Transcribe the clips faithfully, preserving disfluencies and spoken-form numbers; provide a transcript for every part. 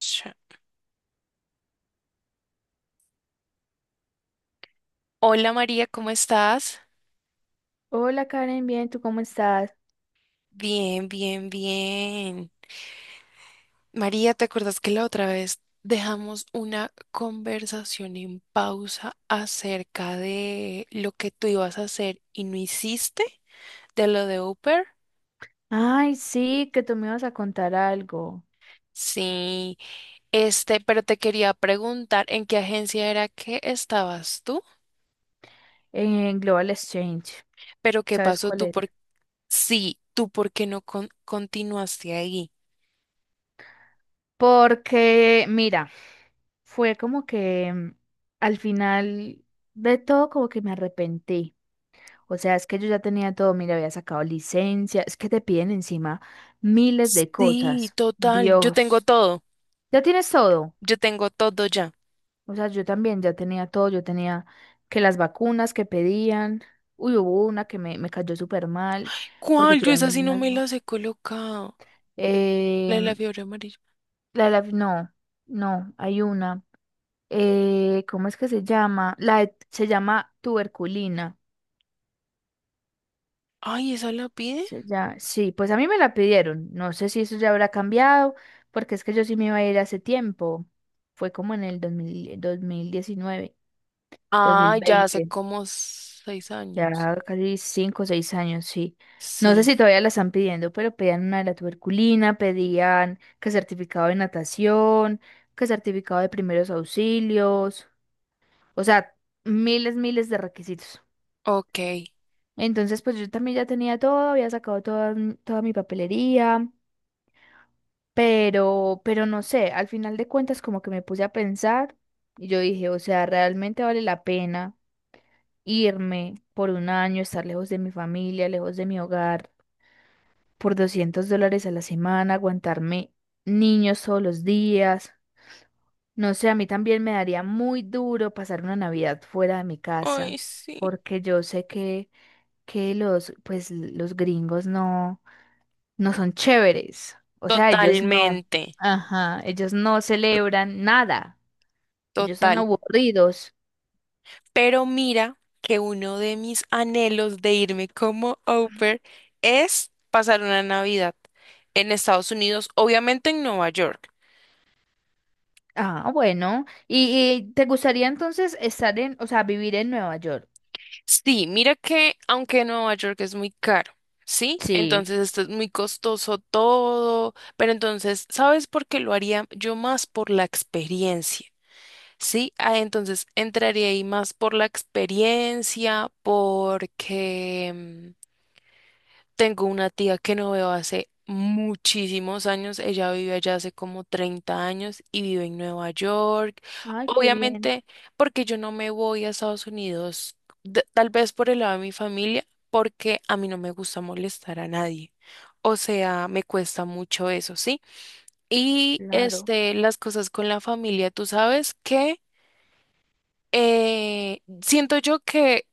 Ch- Hola María, ¿cómo estás? Hola Karen, bien, ¿tú cómo estás? Bien, bien, bien. María, ¿te acuerdas que la otra vez dejamos una conversación en pausa acerca de lo que tú ibas a hacer y no hiciste de lo de Uber? Ay, sí, que tú me ibas a contar algo Sí, este, pero te quería preguntar en qué agencia era que estabas tú, en Global Exchange. pero qué ¿Sabes pasó cuál tú es? por sí, tú por qué no con- continuaste ahí. Porque, mira, fue como que mm, al final de todo como que me arrepentí. O sea, es que yo ya tenía todo, mira, había sacado licencia, es que te piden encima miles de Sí, cosas. total, yo tengo Dios, todo, ya tienes todo. yo tengo todo ya. O sea, yo también ya tenía todo, yo tenía que las vacunas que pedían, uy, hubo una que me, me cayó súper mal, porque ¿Cuál? Yo esa sí pidieron no unas me va- las he colocado. La Eh, de la fiebre amarilla. la de la- no, no, hay una. Eh, ¿cómo es que se llama? La de- se llama tuberculina. Ay, ¿esa la pide? Se llama- sí, pues a mí me la pidieron. No sé si eso ya habrá cambiado, porque es que yo sí me iba a ir hace tiempo. Fue como en el dos dos mil dos mil diecinueve dos mil Ah, ya hace veinte. como seis años. Ya casi cinco o seis años, sí. No sé Sí. si todavía la están pidiendo, pero pedían una de la tuberculina, pedían que certificado de natación, que certificado de primeros auxilios, o sea, miles, miles de requisitos. Ok. Entonces, pues yo también ya tenía todo, había sacado toda, m- toda mi papelería, pero, pero no sé, al final de cuentas como que me puse a pensar y yo dije, o sea, realmente vale la pena irme por un año, estar lejos de mi familia, lejos de mi hogar por doscientos dólares a la semana, aguantarme niños todos los días. No sé, a mí también me daría muy duro pasar una Navidad fuera de mi Ay, casa, sí. porque yo sé que, que los, pues, los gringos no, no son chéveres. O sea, ellos no, Totalmente. ajá, ellos no celebran nada. Ellos son Total. aburridos. Pero mira que uno de mis anhelos de irme como au pair es pasar una Navidad en Estados Unidos, obviamente en Nueva York. Ah, bueno. ¿Y, y te gustaría entonces estar en, o sea, vivir en Nueva York? Sí, mira que aunque Nueva York es muy caro, ¿sí? Sí. Entonces esto es muy costoso todo, pero entonces, ¿sabes por qué lo haría? Yo más por la experiencia, ¿sí? Ah, entonces entraría ahí más por la experiencia, porque... mm, tengo una tía que no veo hace muchísimos años. Ella vive allá hace como treinta años y vive en Nueva York. Ay, qué bien, Obviamente, porque yo no me voy a Estados Unidos, d- tal vez por el lado de mi familia, porque a mí no me gusta molestar a nadie. O sea, me cuesta mucho eso, ¿sí? Y claro. este, las cosas con la familia, tú sabes que eh, siento yo que,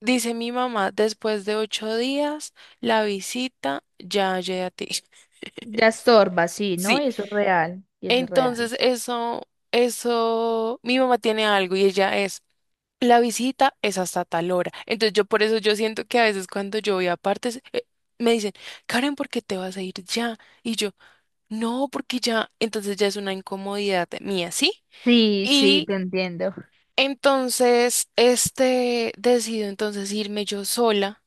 dice mi mamá, después de ocho días, la visita ya llegué a ti. Ya estorba, sí, ¿no? Sí. Y eso es real, y eso es real. Entonces, eso, eso, mi mamá tiene algo y ella es, la visita es hasta tal hora. Entonces, yo por eso yo siento que a veces cuando yo voy a partes, eh, me dicen, Karen, ¿por qué te vas a ir ya? Y yo, no, porque ya, entonces ya es una incomodidad mía, ¿sí? Sí, sí, y te entiendo. Entonces, este, decido entonces irme yo sola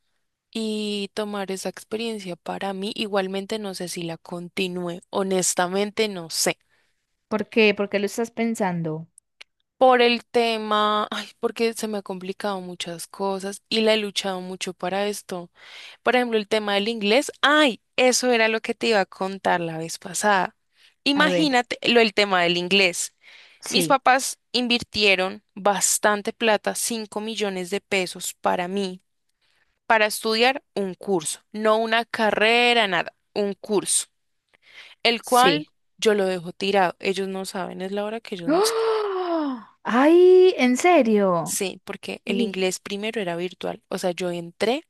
y tomar esa experiencia para mí. Igualmente no sé si la continúe, honestamente no sé. ¿Por qué? ¿Por qué lo estás pensando? Por el tema, ay, porque se me ha complicado muchas cosas y la he luchado mucho para esto. Por ejemplo, el tema del inglés, ay, eso era lo que te iba a contar la vez pasada. A ver, Imagínate lo el tema del inglés. Mis sí, papás invirtieron bastante plata, cinco millones de pesos para mí para estudiar un curso, no una carrera, nada, un curso, el cual sí. yo lo dejo tirado. Ellos no saben, es la hora que ellos no saben. ¡Ah! ¡Ay! ¿En serio? Sí, porque el Y, inglés primero era virtual, o sea, yo entré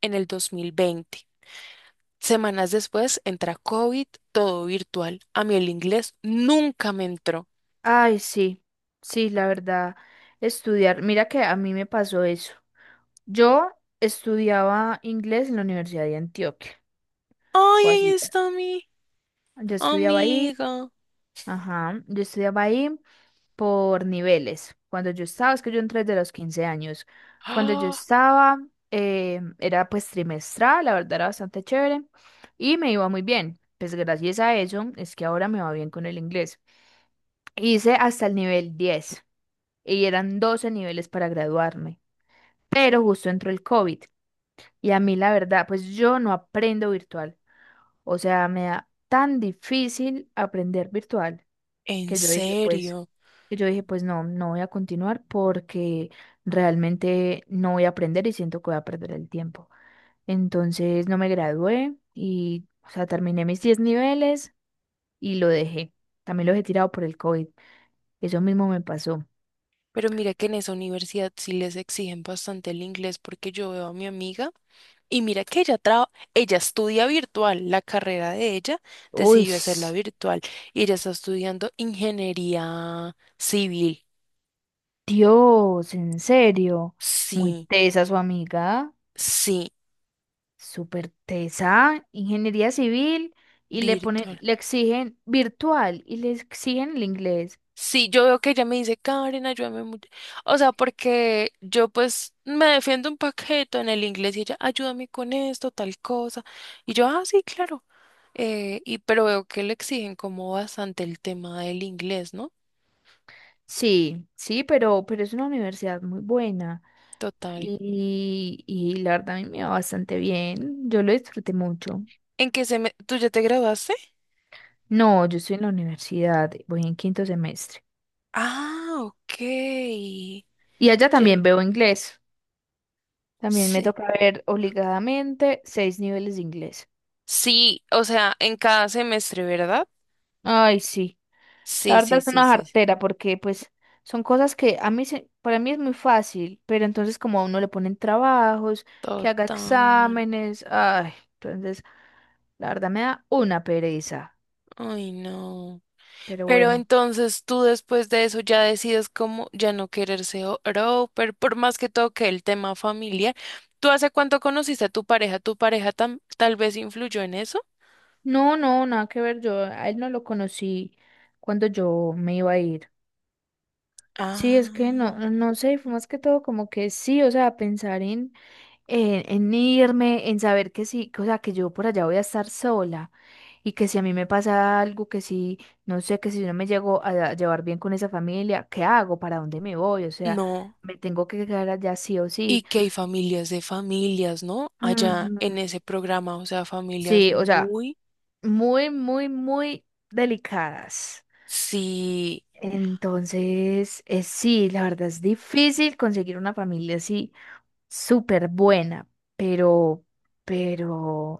en el dos mil veinte. Semanas después entra COVID, todo virtual. A mí el inglés nunca me entró. ay, sí, sí, la verdad, estudiar. Mira que a mí me pasó eso. Yo estudiaba inglés en la Universidad de Antioquia, Ay, o ahí así. está mi Yo estudiaba ahí. amiga. Ajá, yo estudiaba ahí por niveles. Cuando yo estaba, es que yo entré desde los quince años. Cuando yo Ah, estaba, eh, era pues trimestral, la verdad era bastante chévere y me iba muy bien. Pues gracias a eso es que ahora me va bien con el inglés. Hice hasta el nivel diez y eran doce niveles para graduarme, pero justo entró el COVID y a mí la verdad, pues yo no aprendo virtual. O sea, me da tan difícil aprender virtual ¿en que yo dije, pues. serio? Y yo dije, pues no, no voy a continuar porque realmente no voy a aprender y siento que voy a perder el tiempo. Entonces no me gradué y, o sea, terminé mis diez niveles y lo dejé. También lo he tirado por el COVID. Eso mismo me pasó. Pero mira que en esa universidad sí les exigen bastante el inglés porque yo veo a mi amiga y mira que ella traba- ella estudia virtual, la carrera de ella Uy, decidió s- hacerla virtual y ella está estudiando ingeniería civil. Dios, en serio. Muy Sí, tesa su amiga, sí, súper tesa, ingeniería civil y le ponen, virtual. le exigen virtual y le exigen el inglés. Sí, yo veo que ella me dice, Karen, ayúdame mucho. O sea, porque yo pues me defiendo un paquete en el inglés y ella, ayúdame con esto, tal cosa. Y yo, ah, sí, claro. Eh, y pero veo que le exigen como bastante el tema del inglés, ¿no? Sí, sí, pero, pero es una universidad muy buena Total. y, y la verdad a mí me va bastante bien. Yo lo disfruté mucho. ¿En qué se me... ¿Tú ya te graduaste? No, yo estoy en la universidad, voy en quinto semestre. Ah, ok. Y allá Ye- también veo inglés. También me Sí. toca ver obligadamente seis niveles de inglés. Sí, o sea, en cada semestre, ¿verdad? Ay, sí. La Sí, verdad sí, es sí, una sí. jartera porque pues son cosas que a mí se- para mí es muy fácil, pero entonces como a uno le ponen trabajos, que haga Total. exámenes, ay, entonces la verdad me da una pereza, Ay, no. pero Pero bueno. entonces tú después de eso ya decides como ya no querer ser pero por más que toque el tema familiar. ¿Tú hace cuánto conociste a tu pareja? ¿Tu pareja tam- tal vez influyó en eso? No, no, nada que ver, yo a él no lo conocí cuando yo me iba a ir. Sí, es que no, Ah, no sé, fue más que todo como que sí, o sea, pensar en en, en irme, en saber que sí, que, o sea, que yo por allá voy a estar sola y que si a mí me pasa algo, que si, no sé, que si yo no me llego a llevar bien con esa familia, ¿qué hago? ¿Para dónde me voy? O sea, no. me tengo que quedar allá sí o Y sí. que hay familias de familias, ¿no? Allá Ujú. en ese programa, o sea, familias Sí, o sea, muy, muy, muy, muy delicadas. sí, Entonces, eh, sí, la verdad es difícil conseguir una familia así súper buena, pero, pero,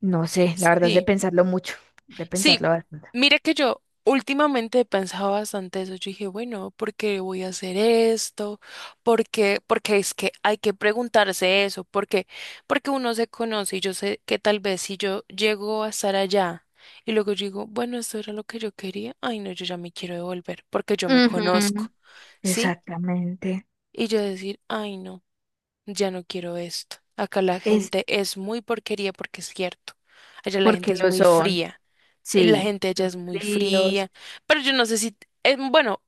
no sé, la verdad es de sí. pensarlo mucho, de Sí, pensarlo bastante. mira que yo últimamente he pensado bastante eso. Yo dije, bueno, ¿por qué voy a hacer esto? ¿Por qué? Porque es que hay que preguntarse eso. ¿Por qué? Porque uno se conoce y yo sé que tal vez si yo llego a estar allá y luego yo digo, bueno, esto era lo que yo quería. Ay, no, yo ya me quiero devolver porque yo me conozco, Ujú, ¿sí? exactamente. Y yo decir, ay, no, ya no quiero esto. Acá la Es gente es muy porquería porque es cierto. Allá la gente porque es lo muy son. fría eh, La Sí, gente allá es son muy fríos. fría, pero yo no sé si, eh, bueno,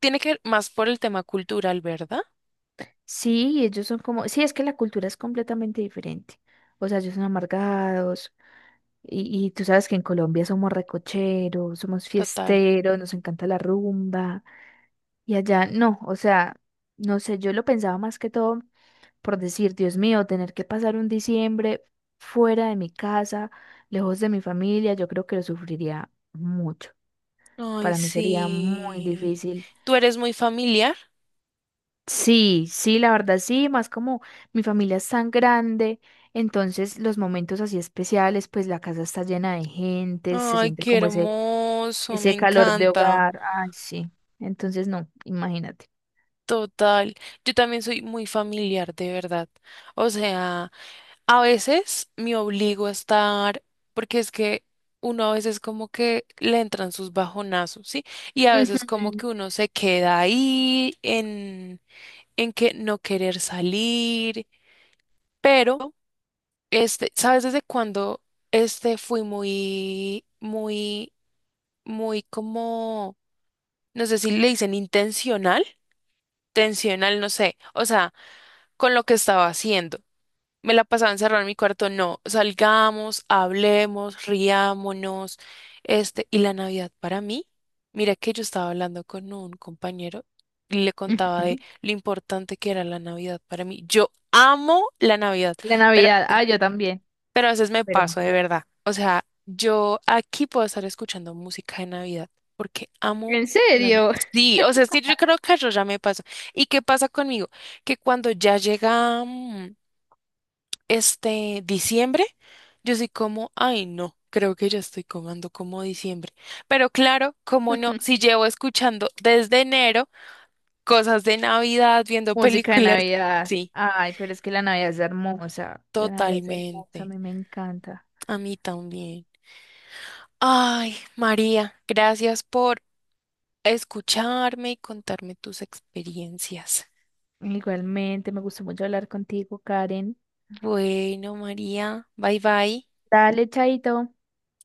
tiene que ver más por el tema cultural, ¿verdad? Sí, ellos son como, sí, es que la cultura es completamente diferente. O sea, ellos son amargados. Y, y tú sabes que en Colombia somos recocheros, somos Total. fiesteros, nos encanta la rumba. Y allá no, o sea, no sé, yo lo pensaba más que todo por decir, Dios mío, tener que pasar un diciembre fuera de mi casa, lejos de mi familia, yo creo que lo sufriría mucho. Ay, Para mí sería muy sí. difícil. ¿Tú eres muy familiar? Sí, sí, la verdad sí, más como mi familia es tan grande, entonces los momentos así especiales, pues la casa está llena de gente, se Ay, siente qué como ese, hermoso, me ese calor de encanta. hogar. Ay, sí. Entonces no, imagínate. Total. Yo también soy muy familiar, de verdad. O sea, a veces me obligo a estar, porque es que uno a veces como que le entran sus bajonazos, ¿sí? Y a veces como que Ujú, uno se queda ahí en en que no querer salir, pero este, ¿sabes desde cuándo este fui muy, muy, muy como, no sé si le dicen intencional, tensional, no sé, o sea, con lo que estaba haciendo. Me la pasaba encerrada en mi cuarto, no, salgamos, hablemos, riámonos, este, y la Navidad para mí, mira que yo estaba hablando con un compañero y le contaba de ujú. lo importante que era la Navidad para mí. Yo amo la Navidad, La pero, Navidad, ah, yo también, pero a veces me pero ma- paso de verdad. O sea, yo aquí puedo estar escuchando música de Navidad porque amo ¿en la Navidad. serio? Sí, o sea, es que yo creo que yo ya me paso. ¿Y qué pasa conmigo? Que cuando ya llega... mm, este diciembre, yo soy como, ay, no, creo que ya estoy comando como diciembre. Pero claro, como no, si llevo escuchando desde enero cosas de Navidad, viendo Música de películas, Navidad. sí, Ay, pero es que la Navidad es hermosa. La Navidad es hermosa, a totalmente. mí me encanta. A mí también. Ay, María, gracias por escucharme y contarme tus experiencias. Igualmente, me gustó mucho hablar contigo, Karen. Bueno, María, bye bye. Dale, chaito.